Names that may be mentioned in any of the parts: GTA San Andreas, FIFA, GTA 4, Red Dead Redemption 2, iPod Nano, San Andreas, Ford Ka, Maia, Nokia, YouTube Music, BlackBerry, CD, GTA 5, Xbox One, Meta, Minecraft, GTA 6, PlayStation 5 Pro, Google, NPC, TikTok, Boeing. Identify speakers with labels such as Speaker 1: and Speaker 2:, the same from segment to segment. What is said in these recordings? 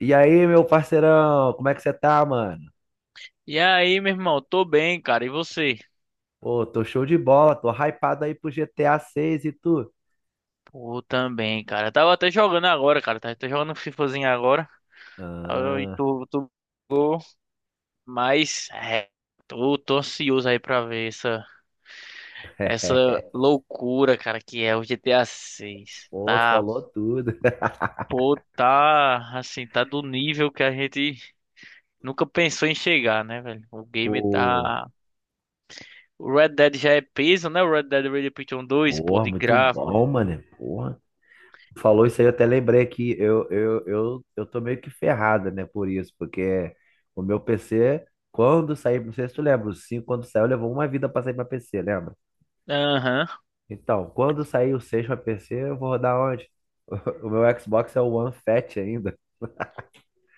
Speaker 1: E aí, meu parceirão, como é que você tá, mano?
Speaker 2: E aí, meu irmão, tô bem, cara. E você?
Speaker 1: Pô, tô show de bola, tô hypado aí pro GTA 6 e tu?
Speaker 2: Pô, também, cara. Eu tava até jogando agora, cara. Tava até jogando um FIFAzinho agora. Aí
Speaker 1: Ah,
Speaker 2: tu, tu, tu- mas é, tô, tô, ansioso aí pra ver essa loucura, cara, que é o GTA 6.
Speaker 1: pô, tu
Speaker 2: Tá,
Speaker 1: falou tudo.
Speaker 2: pô, tá, assim, tá do nível que a gente nunca pensou em chegar, né, velho? O game
Speaker 1: Pô,
Speaker 2: tá. O Red Dead já é peso, né? O Red Dead Redemption 2, pô,
Speaker 1: porra,
Speaker 2: de
Speaker 1: muito
Speaker 2: gráfico, de
Speaker 1: bom,
Speaker 2: tudo.
Speaker 1: mano. Porra. Tu falou isso aí, eu até lembrei que eu tô meio que ferrado, né, por isso, porque o meu PC, quando saiu, não sei se tu lembra, o 5 quando saiu, levou uma vida pra sair pra PC, lembra?
Speaker 2: Aham.
Speaker 1: Então, quando sair o 6 pra PC, eu vou rodar onde? O meu Xbox é o One Fat ainda.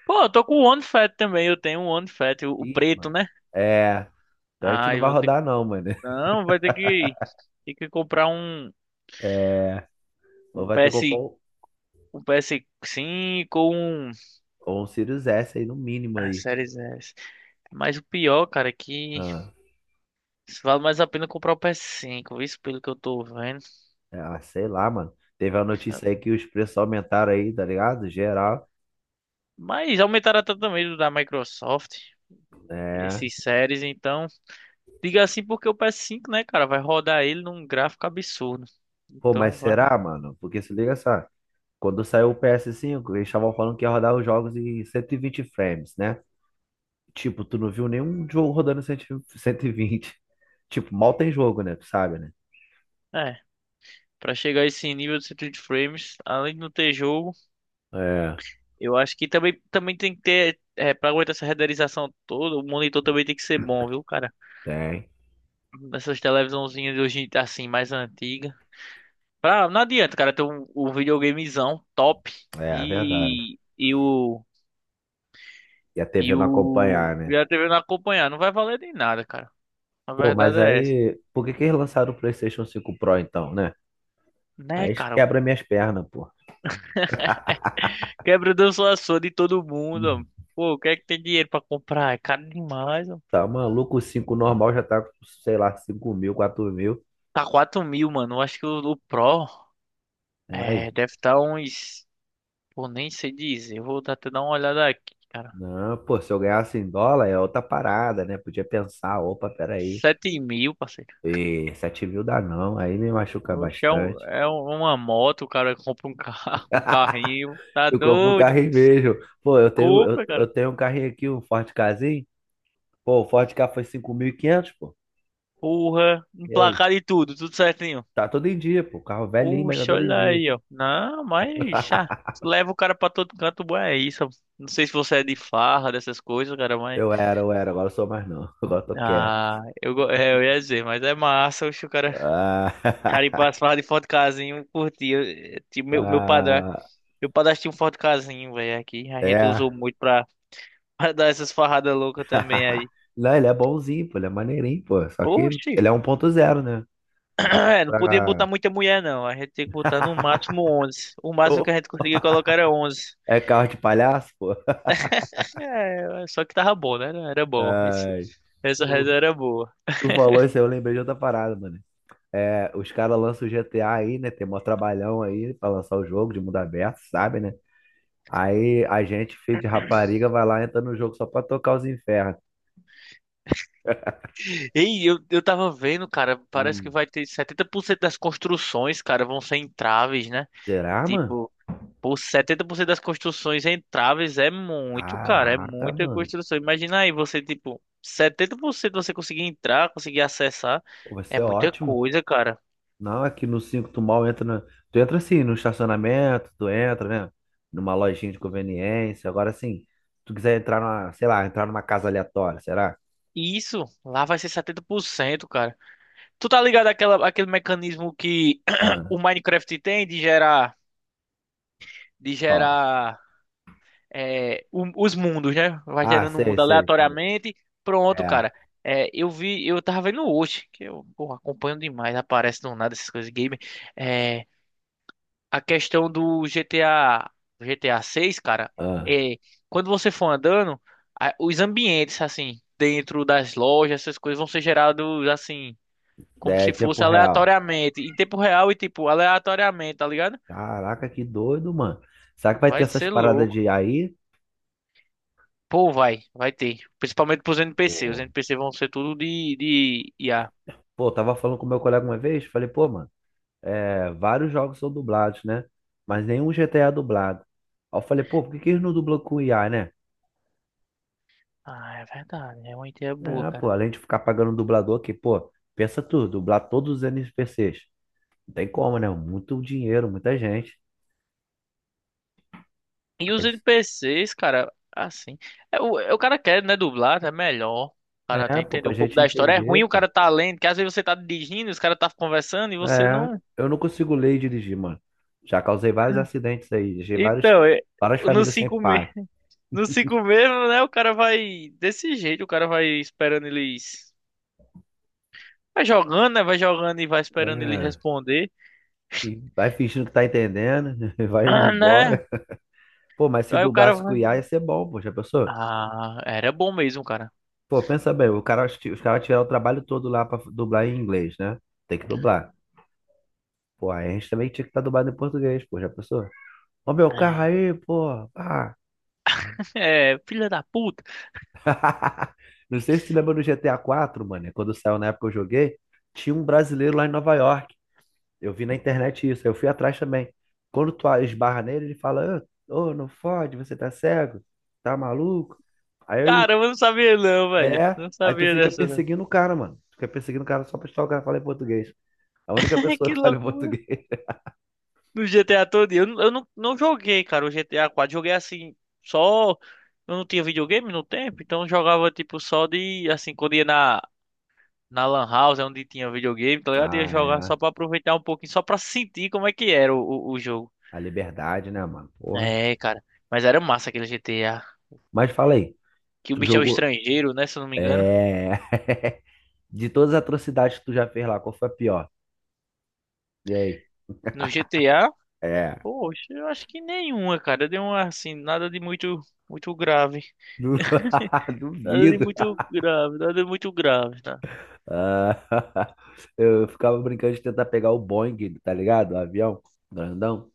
Speaker 2: Pô, eu tô com o One Fat também. Eu tenho um One Fat, o
Speaker 1: Ih,
Speaker 2: preto,
Speaker 1: mano.
Speaker 2: né?
Speaker 1: É. Então a gente não
Speaker 2: Ai,
Speaker 1: vai
Speaker 2: vou ter que.
Speaker 1: rodar, não, mano.
Speaker 2: Não, vai ter que. Ter que comprar um,
Speaker 1: É.
Speaker 2: um
Speaker 1: Ou vai ter que
Speaker 2: PS,
Speaker 1: comprar um,
Speaker 2: um ps cinco ou um.
Speaker 1: ou um Sirius S aí, no mínimo
Speaker 2: Ah,
Speaker 1: aí.
Speaker 2: Series S. Mas o pior, cara, é que
Speaker 1: Ah,
Speaker 2: vale mais a pena comprar o ps cinco, isso pelo que eu tô vendo.
Speaker 1: é, ah, sei lá, mano. Teve a notícia aí que os preços aumentaram aí, tá ligado? Geral.
Speaker 2: Mas aumentaram até também do da Microsoft,
Speaker 1: É.
Speaker 2: esses séries, então. Diga assim porque o ps cinco, né, cara, vai rodar ele num gráfico absurdo.
Speaker 1: Pô, mas
Speaker 2: Então vai.
Speaker 1: será, mano? Porque se liga só. Quando saiu o PS5, eles estavam falando que ia rodar os jogos em 120 frames, né? Tipo, tu não viu nenhum jogo rodando em 120? Tipo, mal tem jogo, né? Tu sabe, né?
Speaker 2: é, Pra chegar a esse nível de 120 frames, além de não ter jogo,
Speaker 1: É,
Speaker 2: eu acho que também tem que ter, é, pra aguentar essa renderização toda, o monitor também tem que ser bom, viu, cara?
Speaker 1: tem.
Speaker 2: Essas televisãozinhas de hoje, assim, mais antiga. Não adianta, cara, ter um videogamezão top
Speaker 1: É, é verdade.
Speaker 2: e, e o,
Speaker 1: E a TV não acompanhar,
Speaker 2: e
Speaker 1: né?
Speaker 2: a TV não acompanhar, não vai valer de nada, cara. A
Speaker 1: Pô,
Speaker 2: verdade
Speaker 1: mas
Speaker 2: é essa.
Speaker 1: aí, por que que eles lançaram o PlayStation 5 Pro então, né?
Speaker 2: Né,
Speaker 1: Aí isso
Speaker 2: cara?
Speaker 1: quebra minhas pernas, pô.
Speaker 2: Quebra o danço de todo mundo, ó.
Speaker 1: Uhum.
Speaker 2: Pô, o que é que tem dinheiro pra comprar? É caro demais.
Speaker 1: Tá maluco, o 5 normal já tá, com, sei lá, 5.000, 4.000.
Speaker 2: Tá 4.000, mano. Eu acho que o Pro
Speaker 1: Não é
Speaker 2: é,
Speaker 1: aí,
Speaker 2: deve estar uns. Pô, nem sei dizer. Eu vou até dar uma olhada aqui, cara.
Speaker 1: não, pô, se eu ganhasse em dólar é outra parada, né? Podia pensar, opa, peraí,
Speaker 2: 7.000, parceiro.
Speaker 1: e 7.000 dá não, aí me machuca
Speaker 2: Oxe, é,
Speaker 1: bastante.
Speaker 2: uma moto, o cara compra um carro, um carrinho. Tá
Speaker 1: Eu compro o carro
Speaker 2: doido?
Speaker 1: e vejo. Pô, eu tenho, eu,
Speaker 2: Compra,
Speaker 1: eu
Speaker 2: cara.
Speaker 1: tenho um carrinho aqui, um Ford Kazin. Pô, o Ford Ka foi 5.500, pô.
Speaker 2: Porra,
Speaker 1: E aí?
Speaker 2: emplacado e tudo, tudo certinho.
Speaker 1: Tá todo em dia, pô. Carro velhinho, mas tá
Speaker 2: Oxe,
Speaker 1: todo em
Speaker 2: olha
Speaker 1: dia.
Speaker 2: aí, ó. Não, mas ah, leva o cara pra todo canto, bom, é isso. Não sei se você é de farra, dessas coisas, cara, mas.
Speaker 1: Eu era, agora eu sou mais não. Agora eu tô quieto.
Speaker 2: Ah, é, eu ia dizer, mas é massa, oxe, o cara.
Speaker 1: Ah,
Speaker 2: Cara, e pra falar de Ford Casinho, eu curti. Tipo, meu padrasto,
Speaker 1: ah,
Speaker 2: meu padrasto tinha um Ford Casinho, velho, aqui. A gente
Speaker 1: é.
Speaker 2: usou muito pra, pra dar essas farradas loucas também aí.
Speaker 1: Não, ele é bonzinho, pô, ele é maneirinho, pô. Só que
Speaker 2: Oxi,
Speaker 1: ele é 1.0, né? Dá muito
Speaker 2: não podia botar
Speaker 1: pra.
Speaker 2: muita mulher, não. A gente tinha que botar no máximo 11. O máximo que a
Speaker 1: Ô,
Speaker 2: gente conseguia colocar era 11.
Speaker 1: é carro de palhaço, pô.
Speaker 2: É, só que tava bom, né? Era bom.
Speaker 1: Ai,
Speaker 2: Essa
Speaker 1: tu,
Speaker 2: reza era boa.
Speaker 1: tu falou isso aí, eu lembrei de outra parada, mano. É, os caras lançam o GTA aí, né? Tem mó trabalhão aí pra lançar o jogo de mundo aberto, sabe, né? Aí a gente, filho de rapariga, vai lá, entra no jogo só pra tocar os infernos.
Speaker 2: Ei, eu tava vendo, cara, parece que
Speaker 1: Hum,
Speaker 2: vai ter 70% das construções, cara, vão ser entraves, né?
Speaker 1: Será, mano?
Speaker 2: Tipo, por 70% das construções entráveis é muito, cara. É
Speaker 1: Caraca,
Speaker 2: muita
Speaker 1: mano.
Speaker 2: construção. Imagina aí você, tipo, 70% você conseguir entrar, conseguir acessar.
Speaker 1: Pô, vai
Speaker 2: É
Speaker 1: ser
Speaker 2: muita
Speaker 1: ótimo.
Speaker 2: coisa, cara.
Speaker 1: Não, aqui no 5 tu mal entra. Tu entra assim, no estacionamento, tu entra, né? Numa lojinha de conveniência. Agora sim, se tu quiser entrar numa, sei lá, entrar numa casa aleatória, será?
Speaker 2: E isso, lá vai ser 70%, cara. Tu tá ligado àquela, àquele mecanismo que
Speaker 1: Ah,
Speaker 2: o Minecraft tem de gerar, de
Speaker 1: ó.
Speaker 2: gerar é, o- os mundos, né? Vai
Speaker 1: Ah,
Speaker 2: gerando um
Speaker 1: sei,
Speaker 2: mundo
Speaker 1: sei, sei.
Speaker 2: aleatoriamente. Pronto,
Speaker 1: É.
Speaker 2: cara. É, eu vi, eu tava vendo hoje, que eu, pô, acompanho demais, aparece do nada essas coisas de game. A questão do GTA 6, cara,
Speaker 1: Ah,
Speaker 2: é quando você for andando, os ambientes assim, dentro das lojas, essas coisas vão ser gerados assim, como
Speaker 1: daí é
Speaker 2: se
Speaker 1: tempo
Speaker 2: fosse
Speaker 1: real.
Speaker 2: aleatoriamente, em tempo real e tipo aleatoriamente, tá ligado?
Speaker 1: Caraca, que doido, mano. Será que vai ter
Speaker 2: Vai
Speaker 1: essas
Speaker 2: ser
Speaker 1: paradas
Speaker 2: louco.
Speaker 1: de aí?
Speaker 2: Pô, vai ter. Principalmente pros NPC. Os
Speaker 1: Pô,
Speaker 2: NPC vão ser tudo de IA.
Speaker 1: pô, eu tava falando com meu colega uma vez, falei, pô, mano. É, vários jogos são dublados, né? Mas nenhum GTA é dublado. Aí eu falei, pô, por que que eles não dublam com IA, né?
Speaker 2: Ah, é verdade. É uma ideia boa,
Speaker 1: É,
Speaker 2: cara.
Speaker 1: pô, além de ficar pagando o dublador aqui, pô, pensa tu, dublar todos os NPCs. Não tem como, né? Muito dinheiro, muita gente.
Speaker 2: E os
Speaker 1: Mas,
Speaker 2: NPCs, cara, assim. O cara quer, né, dublar, é melhor. O cara
Speaker 1: é,
Speaker 2: tem que
Speaker 1: pô,
Speaker 2: entender
Speaker 1: pra
Speaker 2: um pouco
Speaker 1: gente
Speaker 2: da história. É
Speaker 1: entender,
Speaker 2: ruim o
Speaker 1: pô.
Speaker 2: cara tá lendo, que às vezes você tá dirigindo, os caras tá conversando e você
Speaker 1: É,
Speaker 2: não.
Speaker 1: eu não consigo ler e dirigir, mano. Já causei vários acidentes aí, deixei vários,
Speaker 2: Então,
Speaker 1: várias
Speaker 2: no
Speaker 1: famílias sem
Speaker 2: 5
Speaker 1: pai.
Speaker 2: mesmo, né, o cara vai desse jeito, o cara vai esperando eles. Vai jogando, né? Vai jogando e vai esperando eles
Speaker 1: É,
Speaker 2: responder.
Speaker 1: e vai fingindo que tá entendendo, vai indo
Speaker 2: Ah, né?
Speaker 1: embora. Pô, mas se
Speaker 2: Aí o cara
Speaker 1: dublasse com
Speaker 2: vai.
Speaker 1: IA ia ser bom, pô, já pensou?
Speaker 2: Ah, era bom mesmo, cara.
Speaker 1: Pô, pensa bem, o cara, os caras tiveram o trabalho todo lá pra dublar em inglês, né? Tem que dublar. Pô, aí a gente também tinha que estar dublado em português, pô, já pensou? Ó meu carro aí, pô. Ah.
Speaker 2: É, é, filha da puta.
Speaker 1: Não sei se tu lembra do GTA 4, mano, é quando saiu na época que eu joguei, tinha um brasileiro lá em Nova York. Eu vi na internet isso, aí eu fui atrás também. Quando tu esbarra nele, ele fala, ô, ô, não fode, você tá cego, tá maluco? Aí,
Speaker 2: Cara, eu não sabia não, velho. Não
Speaker 1: tu
Speaker 2: sabia
Speaker 1: fica
Speaker 2: dessa.
Speaker 1: perseguindo o cara, mano. Tu fica perseguindo o cara só pra estar o cara falar em português. A única pessoa
Speaker 2: Que
Speaker 1: que fala
Speaker 2: loucura.
Speaker 1: português.
Speaker 2: No GTA todo dia. Eu não joguei, cara, o GTA 4. Joguei assim, só. Eu não tinha videogame no tempo, então eu jogava tipo só de. Assim, quando ia na Lan House, é onde tinha videogame, tá ligado? Ia
Speaker 1: Ah,
Speaker 2: jogar
Speaker 1: é.
Speaker 2: só pra aproveitar um pouquinho, só pra sentir como é que era o jogo.
Speaker 1: A liberdade, né, mano? Porra.
Speaker 2: É, cara. Mas era massa aquele GTA.
Speaker 1: Mas fala aí,
Speaker 2: Que o
Speaker 1: tu
Speaker 2: bicho é o
Speaker 1: jogou.
Speaker 2: estrangeiro, né? Se eu não me engano.
Speaker 1: É. De todas as atrocidades que tu já fez lá, qual foi a pior? E aí?
Speaker 2: No GTA,
Speaker 1: É.
Speaker 2: poxa, eu acho que nenhuma, cara. Deu uma assim, nada de muito, muito grave.
Speaker 1: Du-
Speaker 2: Nada de
Speaker 1: Duvido.
Speaker 2: muito grave, nada de muito grave, tá?
Speaker 1: Ah, eu ficava brincando de tentar pegar o Boeing, tá ligado? O avião grandão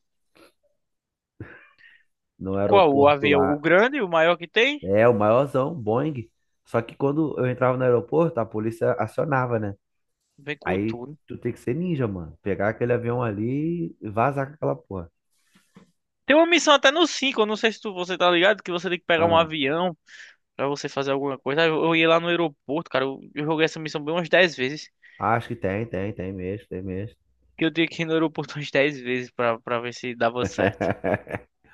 Speaker 1: no
Speaker 2: Qual? O
Speaker 1: aeroporto
Speaker 2: avião? O
Speaker 1: lá.
Speaker 2: grande, o maior que tem?
Speaker 1: É, o maiorzão, Boeing. Só que quando eu entrava no aeroporto, a polícia acionava, né?
Speaker 2: Vem com
Speaker 1: Aí
Speaker 2: tudo.
Speaker 1: tu tem que ser ninja, mano. Pegar aquele avião ali e vazar com aquela porra.
Speaker 2: Tem uma missão até no 5 eu não sei se você tá ligado, que você tem que pegar um
Speaker 1: Ah,
Speaker 2: avião pra você fazer alguma coisa. Eu ia lá no aeroporto, cara, eu joguei essa missão bem umas 10 vezes.
Speaker 1: acho que tem, tem, tem mesmo, tem mesmo.
Speaker 2: Que eu tinha que ir no aeroporto umas 10 vezes pra ver se dava certo.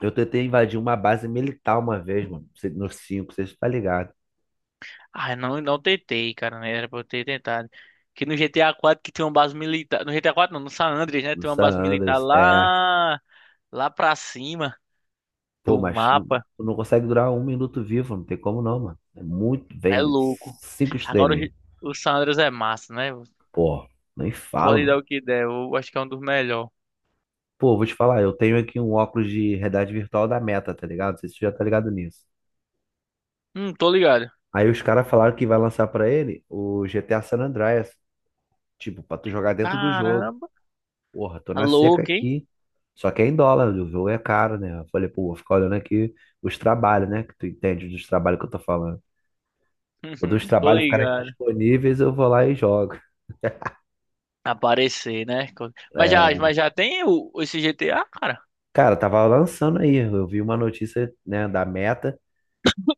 Speaker 1: Eu tentei invadir uma base militar uma vez, mano. No 5, vocês tá ligado?
Speaker 2: Ah, não, não tentei, cara, né? Era pra eu ter tentado. Que no GTA 4 que tem uma base militar. No GTA 4 não, no San Andreas, né?
Speaker 1: No
Speaker 2: Tem uma
Speaker 1: San
Speaker 2: base militar
Speaker 1: Andreas, é.
Speaker 2: lá pra cima
Speaker 1: Pô,
Speaker 2: do
Speaker 1: mas tu
Speaker 2: mapa.
Speaker 1: tu não consegue durar um minuto vivo, não tem como não, mano. É muito,
Speaker 2: É
Speaker 1: bem
Speaker 2: louco.
Speaker 1: cinco
Speaker 2: Agora
Speaker 1: estrelinhas.
Speaker 2: O San Andreas é massa, né?
Speaker 1: Pô, nem fala,
Speaker 2: Pode dar
Speaker 1: mano.
Speaker 2: o que der. Eu acho que é um dos melhores.
Speaker 1: Pô, vou te falar, eu tenho aqui um óculos de realidade virtual da Meta, tá ligado? Não sei se tu já tá ligado nisso.
Speaker 2: Tô ligado.
Speaker 1: Aí os caras falaram que vai lançar pra ele o GTA San Andreas, tipo, pra tu jogar dentro do jogo.
Speaker 2: Caramba,
Speaker 1: Porra, tô
Speaker 2: tá
Speaker 1: na seca
Speaker 2: louco, hein?
Speaker 1: aqui. Só que é em dólar, o jogo é caro, né? Eu falei, pô, vou ficar olhando aqui os trabalhos, né? Que tu entende dos trabalhos que eu tô falando. Quando os
Speaker 2: Uhum, tô
Speaker 1: trabalhos ficarem
Speaker 2: ligado.
Speaker 1: disponíveis, eu vou lá e jogo.
Speaker 2: Aparecer, né? Mas já,
Speaker 1: É,
Speaker 2: mas já tem esse GTA, cara.
Speaker 1: cara, tava lançando aí. Eu vi uma notícia, né, da Meta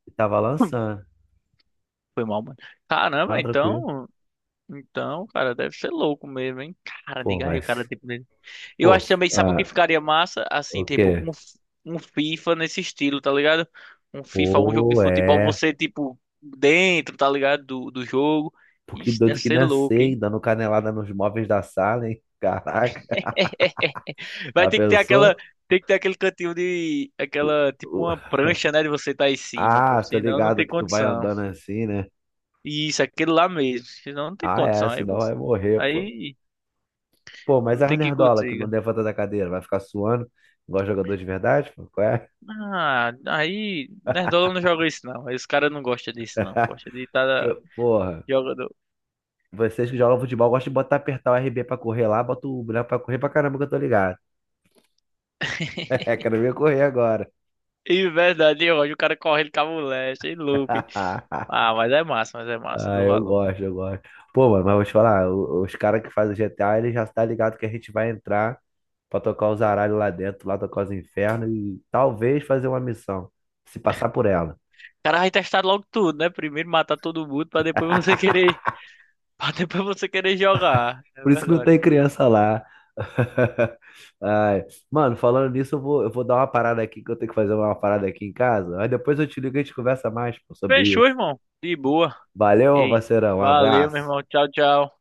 Speaker 1: e tava
Speaker 2: Hum.
Speaker 1: lançando.
Speaker 2: Foi mal, mano.
Speaker 1: Tá
Speaker 2: Caramba,
Speaker 1: tranquilo.
Speaker 2: então. Então, cara, deve ser louco mesmo, hein? Cara,
Speaker 1: Pô,
Speaker 2: diga aí,
Speaker 1: vai.
Speaker 2: o cara, tipo, dele. Eu
Speaker 1: Pô,
Speaker 2: acho também, sabe o que
Speaker 1: ah,
Speaker 2: ficaria massa? Assim,
Speaker 1: o
Speaker 2: tipo,
Speaker 1: quê?
Speaker 2: um FIFA nesse estilo, tá ligado? Um FIFA, um jogo de
Speaker 1: Pô,
Speaker 2: futebol,
Speaker 1: é.
Speaker 2: você, tipo, dentro, tá ligado? Do jogo.
Speaker 1: Pô, que
Speaker 2: Isso deve
Speaker 1: doido que
Speaker 2: ser louco,
Speaker 1: nascei, sei,
Speaker 2: hein?
Speaker 1: dando canelada nos móveis da sala, hein? Caraca,
Speaker 2: Vai
Speaker 1: a
Speaker 2: ter que ter aquela,
Speaker 1: pessoa.
Speaker 2: tem que ter aquele cantinho de,
Speaker 1: Tu-
Speaker 2: aquela, tipo
Speaker 1: o-
Speaker 2: uma prancha, né, de você estar em cima,
Speaker 1: Ah,
Speaker 2: pô,
Speaker 1: tô
Speaker 2: senão não
Speaker 1: ligado
Speaker 2: tem
Speaker 1: que tu vai
Speaker 2: condição.
Speaker 1: andando assim, né?
Speaker 2: E isso, aquele lá mesmo, senão não tem
Speaker 1: Ah, é,
Speaker 2: condição, aí
Speaker 1: senão vai
Speaker 2: você,
Speaker 1: morrer, pô.
Speaker 2: aí
Speaker 1: Pô, mas
Speaker 2: não
Speaker 1: as
Speaker 2: tem que
Speaker 1: nerdola que não
Speaker 2: consiga.
Speaker 1: levanta da cadeira, vai ficar suando, igual jogador de verdade, pô? Qual é?
Speaker 2: Ah, aí, Nerdola não joga isso não, aí os caras não gostam disso não, gosta de
Speaker 1: Que,
Speaker 2: estar
Speaker 1: porra,
Speaker 2: jogando.
Speaker 1: vocês que jogam futebol gostam de botar, apertar o RB pra correr lá, bota o boneco pra correr pra caramba que eu tô ligado. É, quero ver correr agora.
Speaker 2: E verdade, hoje o cara correndo com a mulher, achei louco, hein? Ah, mas é massa
Speaker 1: Ah,
Speaker 2: do
Speaker 1: eu
Speaker 2: valor. O
Speaker 1: gosto, eu gosto. Pô, mano, mas vou te falar, os caras que fazem GTA, ele já tá ligado que a gente vai entrar pra tocar os aralhos lá dentro, lá tocar os infernos e talvez fazer uma missão, se passar por ela.
Speaker 2: cara vai testar logo tudo, né? Primeiro matar todo mundo pra depois você querer Pra depois você querer jogar. É
Speaker 1: Por isso que não
Speaker 2: verdade.
Speaker 1: tem criança lá. Ai, mano, falando nisso, eu vou dar uma parada aqui, que eu tenho que fazer uma parada aqui em casa. Aí depois eu te ligo e a gente conversa mais, pô, sobre
Speaker 2: Fechou,
Speaker 1: isso.
Speaker 2: irmão. De boa.
Speaker 1: Valeu,
Speaker 2: Ei,
Speaker 1: parceirão, um
Speaker 2: valeu, meu
Speaker 1: abraço.
Speaker 2: irmão. Tchau, tchau.